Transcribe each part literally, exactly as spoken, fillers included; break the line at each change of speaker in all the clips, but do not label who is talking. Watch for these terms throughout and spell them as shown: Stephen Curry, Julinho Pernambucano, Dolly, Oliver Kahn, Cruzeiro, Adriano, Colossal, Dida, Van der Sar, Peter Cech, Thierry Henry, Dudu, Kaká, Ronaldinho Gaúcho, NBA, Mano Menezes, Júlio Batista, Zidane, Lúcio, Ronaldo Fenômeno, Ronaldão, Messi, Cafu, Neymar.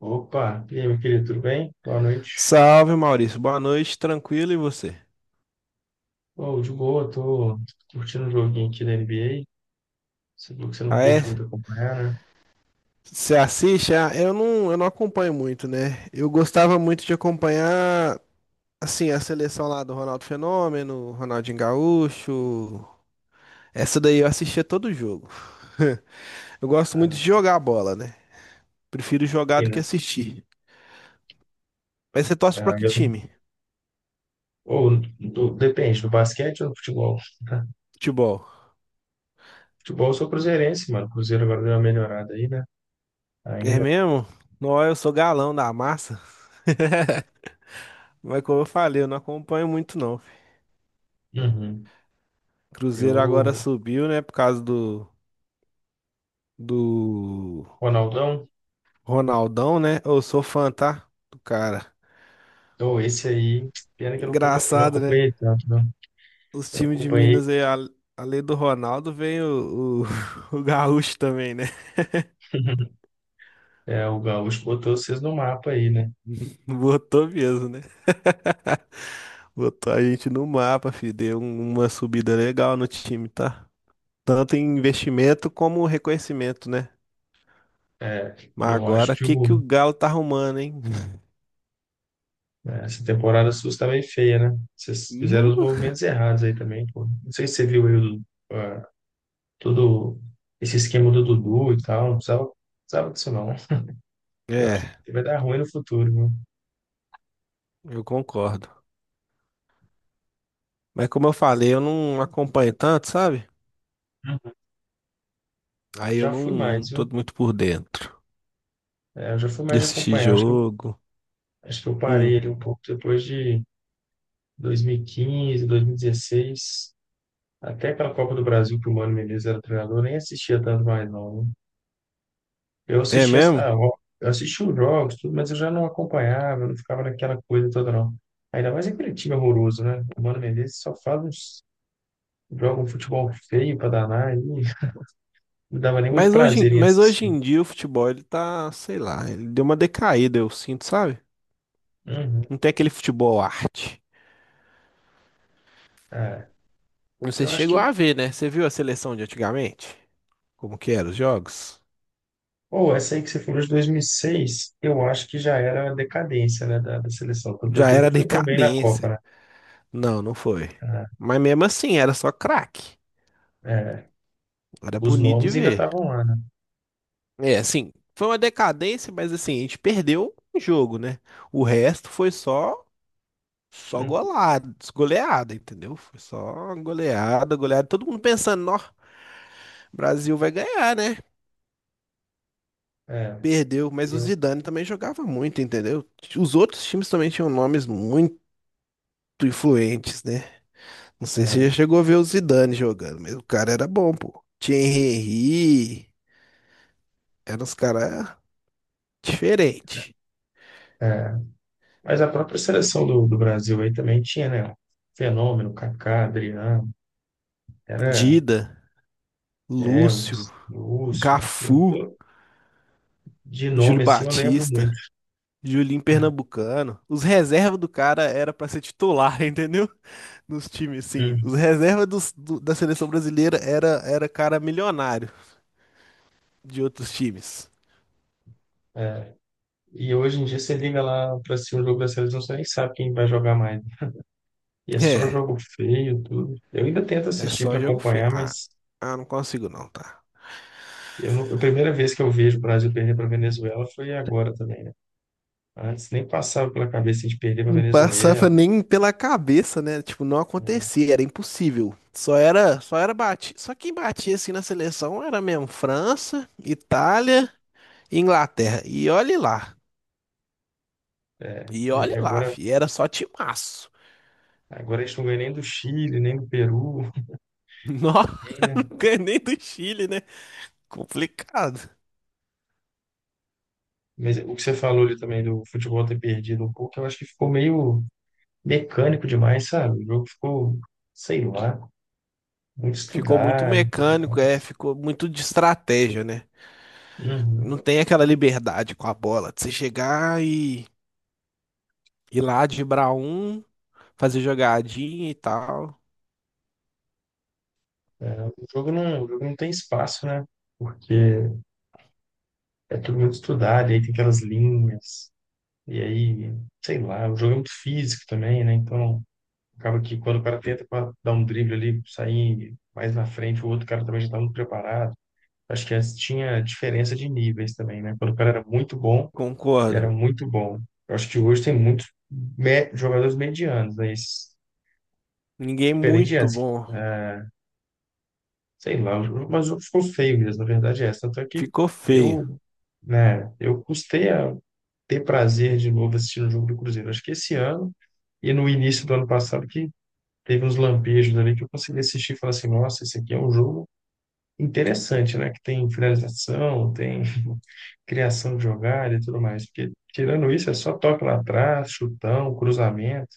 Opa, e aí, meu querido, tudo bem? Boa noite.
Salve, Maurício. Boa noite, tranquilo e você?
Oh, de boa, tô curtindo um joguinho aqui da N B A. Você viu que você não
Ah, é?
curte muito acompanhar, né?
Você assiste? Ah, eu não, eu não acompanho muito, né? Eu gostava muito de acompanhar, assim, a seleção lá do Ronaldo Fenômeno, Ronaldinho Gaúcho. Essa daí eu assistia todo jogo. Eu gosto
Ah,
muito
não,
de
mas
jogar bola, né? Prefiro jogar do
tem,
que
né?
assistir. Mas você torce pra
Ah,
que
eu.
time?
Ou, do- depende, do basquete ou do futebol?
Futebol.
Futebol eu sou cruzeirense, mano. Cruzeiro agora deu uma melhorada aí, né?
É
Ainda.
mesmo? Não, eu sou galão da massa. Mas como eu falei, eu não acompanho muito, não.
Uhum.
Cruzeiro agora
Eu,
subiu, né? Por causa do, do
Ronaldão,
Ronaldão, né? Eu sou fã, tá? Do cara.
oh, esse aí, pena que eu não acompanhei, eu não
Engraçado, né?
acompanhei tanto, né?
Os
Eu
times de
acompanhei,
Minas aí, a- além do Ronaldo, vem o, o, o Gaúcho também, né?
É, o Gaúcho botou vocês no mapa aí, né?
Botou mesmo, né? Botou a gente no mapa, filho. Deu um- uma subida legal no time, tá? Tanto em investimento como reconhecimento, né?
É,
Mas
eu acho
agora, o
que
que
o
que o Galo tá arrumando, hein?
É, essa temporada sua está bem feia, né? Vocês fizeram
Nu.
os movimentos errados aí também, pô. Não sei se você viu aí o, ah, todo esse esquema do Dudu e tal. Não precisava, precisava disso, não, né? Eu acho
É,
que vai dar ruim no futuro, viu?
eu concordo. Mas como eu falei, eu não acompanho tanto, sabe?
Uhum. Eu
Aí eu
já
não,
fui
não
mais,
tô
viu?
muito por dentro
É, eu já fui
de
mais de
assistir
acompanhar. Acho que eu,
jogo.
acho que eu parei
Hum,
ali um pouco depois de dois mil e quinze, dois mil e dezesseis. Até aquela Copa do Brasil que o Mano Menezes era treinador, eu nem assistia tanto mais, não, né? Eu
é
assistia, ah,
mesmo?
eu eu assistia os jogos, tudo, mas eu já não acompanhava, eu não ficava naquela coisa toda, não. Ainda mais aquele time horroroso, né? O Mano Menezes só faz uns, joga um futebol feio pra danar e não dava nem muito
Mas hoje,
prazer
em-
em
mas hoje
assistir.
em dia o futebol, ele tá, sei lá, ele deu uma decaída, eu sinto, sabe?
Uhum.
Não tem aquele futebol arte.
É,
Não sei
eu
se
acho
chegou
que,
a ver, né? Você viu a seleção de antigamente? Como que eram os jogos?
ou essa aí que você falou de dois mil e seis, eu acho que já era a decadência, né, da, da seleção, tanto é
Já
que não
era
foi tão bem na
decadência.
Copa,
Não, não foi.
né?
Mas mesmo assim, era só craque.
É, é,
Era
os
bonito de
nomes ainda
ver.
estavam lá, né?
É, assim, foi uma decadência, mas assim, a gente perdeu um jogo, né? O resto foi só só
Uhum.
golada, goleada, entendeu? Foi só goleada, goleada. Todo mundo pensando, ó, Brasil vai ganhar, né?
É,
Perdeu, mas
e
o
eu,
Zidane também jogava muito, entendeu? Os outros times também tinham nomes muito influentes, né? Não sei se
é,
você já chegou a ver o Zidane jogando, mas o cara era bom, pô. Thierry Henry, eram os caras diferentes.
é. Mas a própria seleção do, do Brasil aí também tinha, né? Um Fenômeno, Kaká, Adriano, era
Dida,
é, o
Lúcio,
Z- Lúcio. Eu,
Cafu.
eu- de
Júlio
nome assim eu lembro muito.
Batista, Julinho Pernambucano. Os reservas do cara era pra ser titular, entendeu? Nos times, sim.
Hum.
Os reservas dos- do- da seleção brasileira era, era cara milionário de outros times.
É, e hoje em dia você liga lá para assistir um jogo da seleção, você nem sabe quem vai jogar mais. E é só
É,
jogo feio, tudo. Eu ainda tento
é
assistir para
só jogo feio.
acompanhar,
Ah,
mas
ah, não consigo não, tá?
eu não- a primeira vez que eu vejo o Brasil perder para Venezuela foi agora também, né? Antes nem passava pela cabeça de perder para
Não passava
Venezuela.
nem pela cabeça, né? Tipo, não
Né?
acontecia, era impossível. Só era, só era bati, só quem batia assim na seleção era mesmo França, Itália, e Inglaterra. E olhe lá.
É,
E
E
olha
aí
lá,
agora
fi, era só timaço.
Agora a gente não ganha nem do Chile, nem do Peru,
Nossa,
nem, né?
não ganhei nem do Chile, né? Complicado.
Mas o que você falou ali também do futebol ter perdido um pouco, eu acho que ficou meio mecânico demais, sabe? O jogo ficou, sei lá, muito
Ficou muito
estudado e tudo
mecânico, é,
mais.
ficou muito de estratégia, né? Não
Uhum.
tem aquela liberdade com a bola de você chegar e ir lá driblar um, fazer jogadinha e tal.
O jogo não, o jogo não tem espaço, né? Porque é tudo muito estudado, e aí tem aquelas linhas, e aí, sei lá, o jogo é muito físico também, né? Então, acaba que quando o cara tenta pa- dar um drible ali, sair mais na frente, o outro cara também já tá muito preparado. Acho que antes tinha diferença de níveis também, né? Quando o cara era muito bom, ele era
Concordo.
muito bom. Eu acho que hoje tem muitos me- jogadores medianos, né? Esses,
Ninguém é
diferente de
muito
antes.
bom.
É, sei lá, mas o- ficou feio mesmo, na verdade é essa. Tanto é que
Ficou feio.
eu, né, eu custei a ter prazer de novo assistindo o jogo do Cruzeiro. Acho que esse ano e no início do ano passado que teve uns lampejos ali que eu consegui assistir e falar assim, nossa, esse aqui é um jogo interessante, né? Que tem finalização, tem criação de jogada e tudo mais. Porque, tirando isso, é só toque lá atrás, chutão, cruzamento.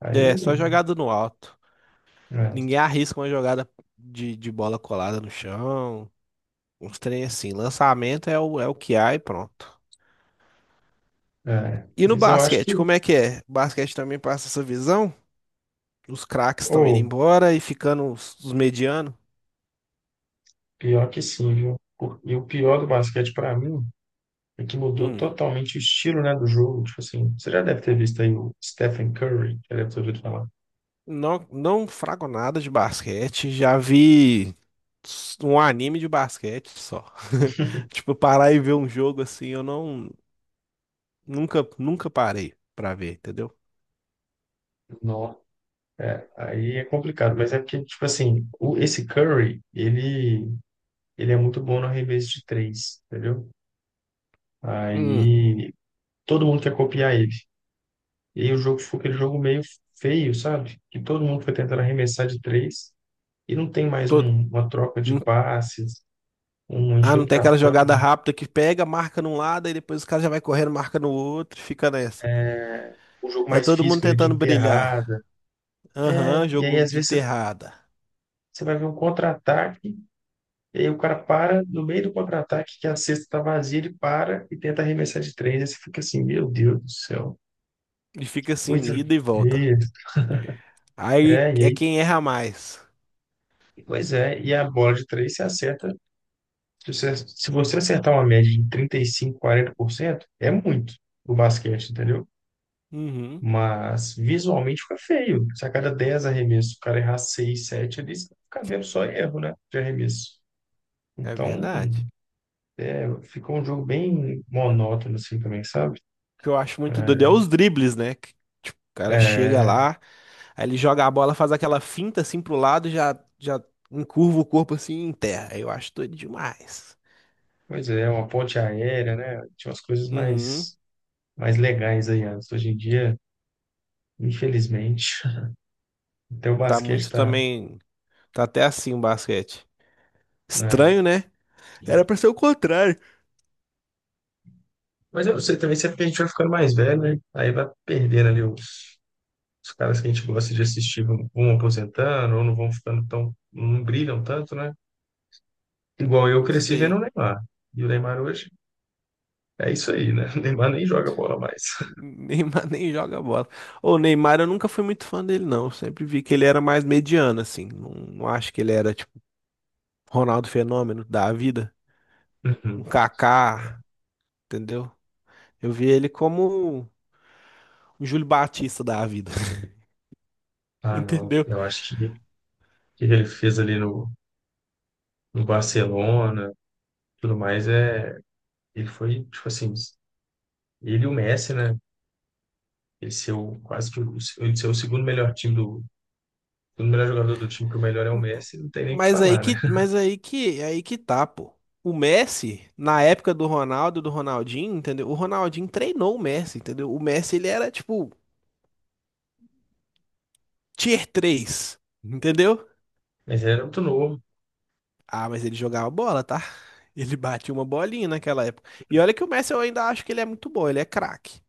Aí,
É, só jogada no alto.
é,
Ninguém arrisca uma jogada de, de bola colada no chão. Uns trem assim. Lançamento é o, é o que há e pronto.
é.
E no
Mas eu acho
basquete,
que,
como é que é? O basquete também passa essa visão? Os craques estão indo
ou,
embora e ficando os, os medianos?
pior que sim, viu? Por- E o pior do basquete para mim é que mudou
Hum,
totalmente o estilo, né, do jogo. Tipo assim, você já deve ter visto aí o Stephen Curry, já deve ter ouvido falar.
não, não frago nada de basquete, já vi s- um anime de basquete só. Tipo, parar e ver um jogo assim, eu não nunca nunca parei pra ver, entendeu?
Não. Aí é complicado, mas é porque, tipo assim, o, esse Curry, ele, ele é muito bom no arremesso de três, entendeu?
Hum,
Aí todo mundo quer copiar ele. E aí o jogo ficou aquele jogo meio feio, sabe? Que todo mundo foi tentando arremessar de três e não tem mais
tô-
um- uma troca de
hum,
passes, uma
ah, não tem
infiltração,
aquela jogada rápida que pega, marca num lado e depois o cara já vai correndo, marca no outro, e fica nessa.
um jogo
É
mais
todo mundo
físico ele de
tentando brilhar.
enterrada. É,
Aham,
e aí
jogo
às
de
vezes você
enterrada.
você vai ver um contra-ataque e aí o cara para no meio do contra-ataque que a cesta tá vazia, ele para e tenta arremessar de três. Aí você fica assim, meu Deus do céu,
E fica assim,
coisa
ida e volta.
feia.
Aí
É, e
é
aí,
quem erra mais.
pois é, e a bola de três você acerta. Se você, se você acertar uma média de trinta e cinco, quarenta por cento, é muito o basquete, entendeu?
Uhum,
Mas visualmente fica feio. Se a cada dez arremessos o cara errar seis, sete, ali, você fica vendo só erro, né? De arremesso.
é
Então,
verdade.
ficou um jogo bem monótono, assim, também, sabe?
O que eu acho muito doido é os dribles, né? Que, tipo, o
É,
cara chega
é,
lá, aí ele joga a bola, faz aquela finta assim pro lado, já, já encurva o corpo assim e enterra. Eu acho doido demais.
pois é, uma ponte aérea, né? Tinha umas coisas
Uhum,
mais, mais legais aí antes. Hoje em dia, infelizmente, até o
tá
basquete
muito
tá,
também. Tá até assim o basquete.
né.
Estranho, né? Era pra ser o contrário.
Mas eu sei também, sempre que a gente vai ficando mais velho, né? Aí vai perdendo ali os, os caras que a gente gosta de assistir, vão, vão aposentando ou não vão ficando tão, não brilham tanto, né? Igual
Ah,
eu
não
cresci vendo
sei.
o Neymar. E o Neymar hoje é isso aí, né? O Neymar nem joga bola mais.
Neymar nem joga bola. O Neymar eu nunca fui muito fã dele, não. Eu sempre vi que ele era mais mediano, assim. Não, não acho que ele era, tipo, Ronaldo Fenômeno da vida. Um
Uhum.
Kaká, entendeu? Eu vi ele como um Júlio Batista da vida,
Ah, não.
entendeu?
Eu acho que o que ele fez ali no, no Barcelona, tudo mais, é. Ele foi, tipo assim, ele e o Messi, né? Ele ser o, quase que o, ele ser o segundo melhor time do. O melhor jogador do time, que o melhor é o Messi, não tem nem o que
Mas aí
falar, né?
que, mas aí que, aí que tá, pô. O Messi, na época do Ronaldo, do Ronaldinho, entendeu? O Ronaldinho treinou o Messi, entendeu? O Messi, ele era, tipo, tier três, entendeu?
Mas era muito novo.
Ah, mas ele jogava bola, tá? Ele batia uma bolinha naquela época. E olha que o Messi eu ainda acho que ele é muito bom, ele é craque,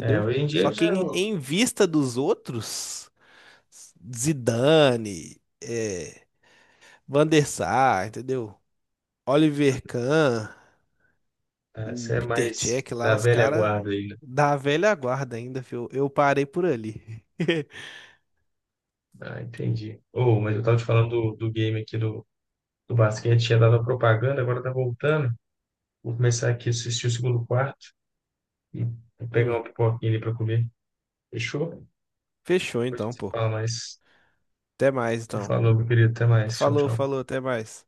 É, hoje em dia
Só
ele
que
já
em,
não.
em vista dos outros, Zidane, é, Van der Sar, entendeu? Oliver Kahn,
Ah,
o
você é
Peter
mais
Cech lá,
da
os
velha
caras
guarda aí, né?
da velha guarda ainda, fio. Eu parei por ali.
Ah, entendi. Oh, mas eu tava te falando do, do game aqui do, do basquete, tinha dado a propaganda, agora tá voltando. Vou começar aqui a assistir o segundo quarto e vou pegar
Hum,
uma pipoquinha ali pra comer. Fechou?
fechou
Depois a gente
então,
se
pô.
fala mais.
Até mais então.
Falou, meu querido. Até mais. Tchau,
Falou,
tchau.
falou, até mais.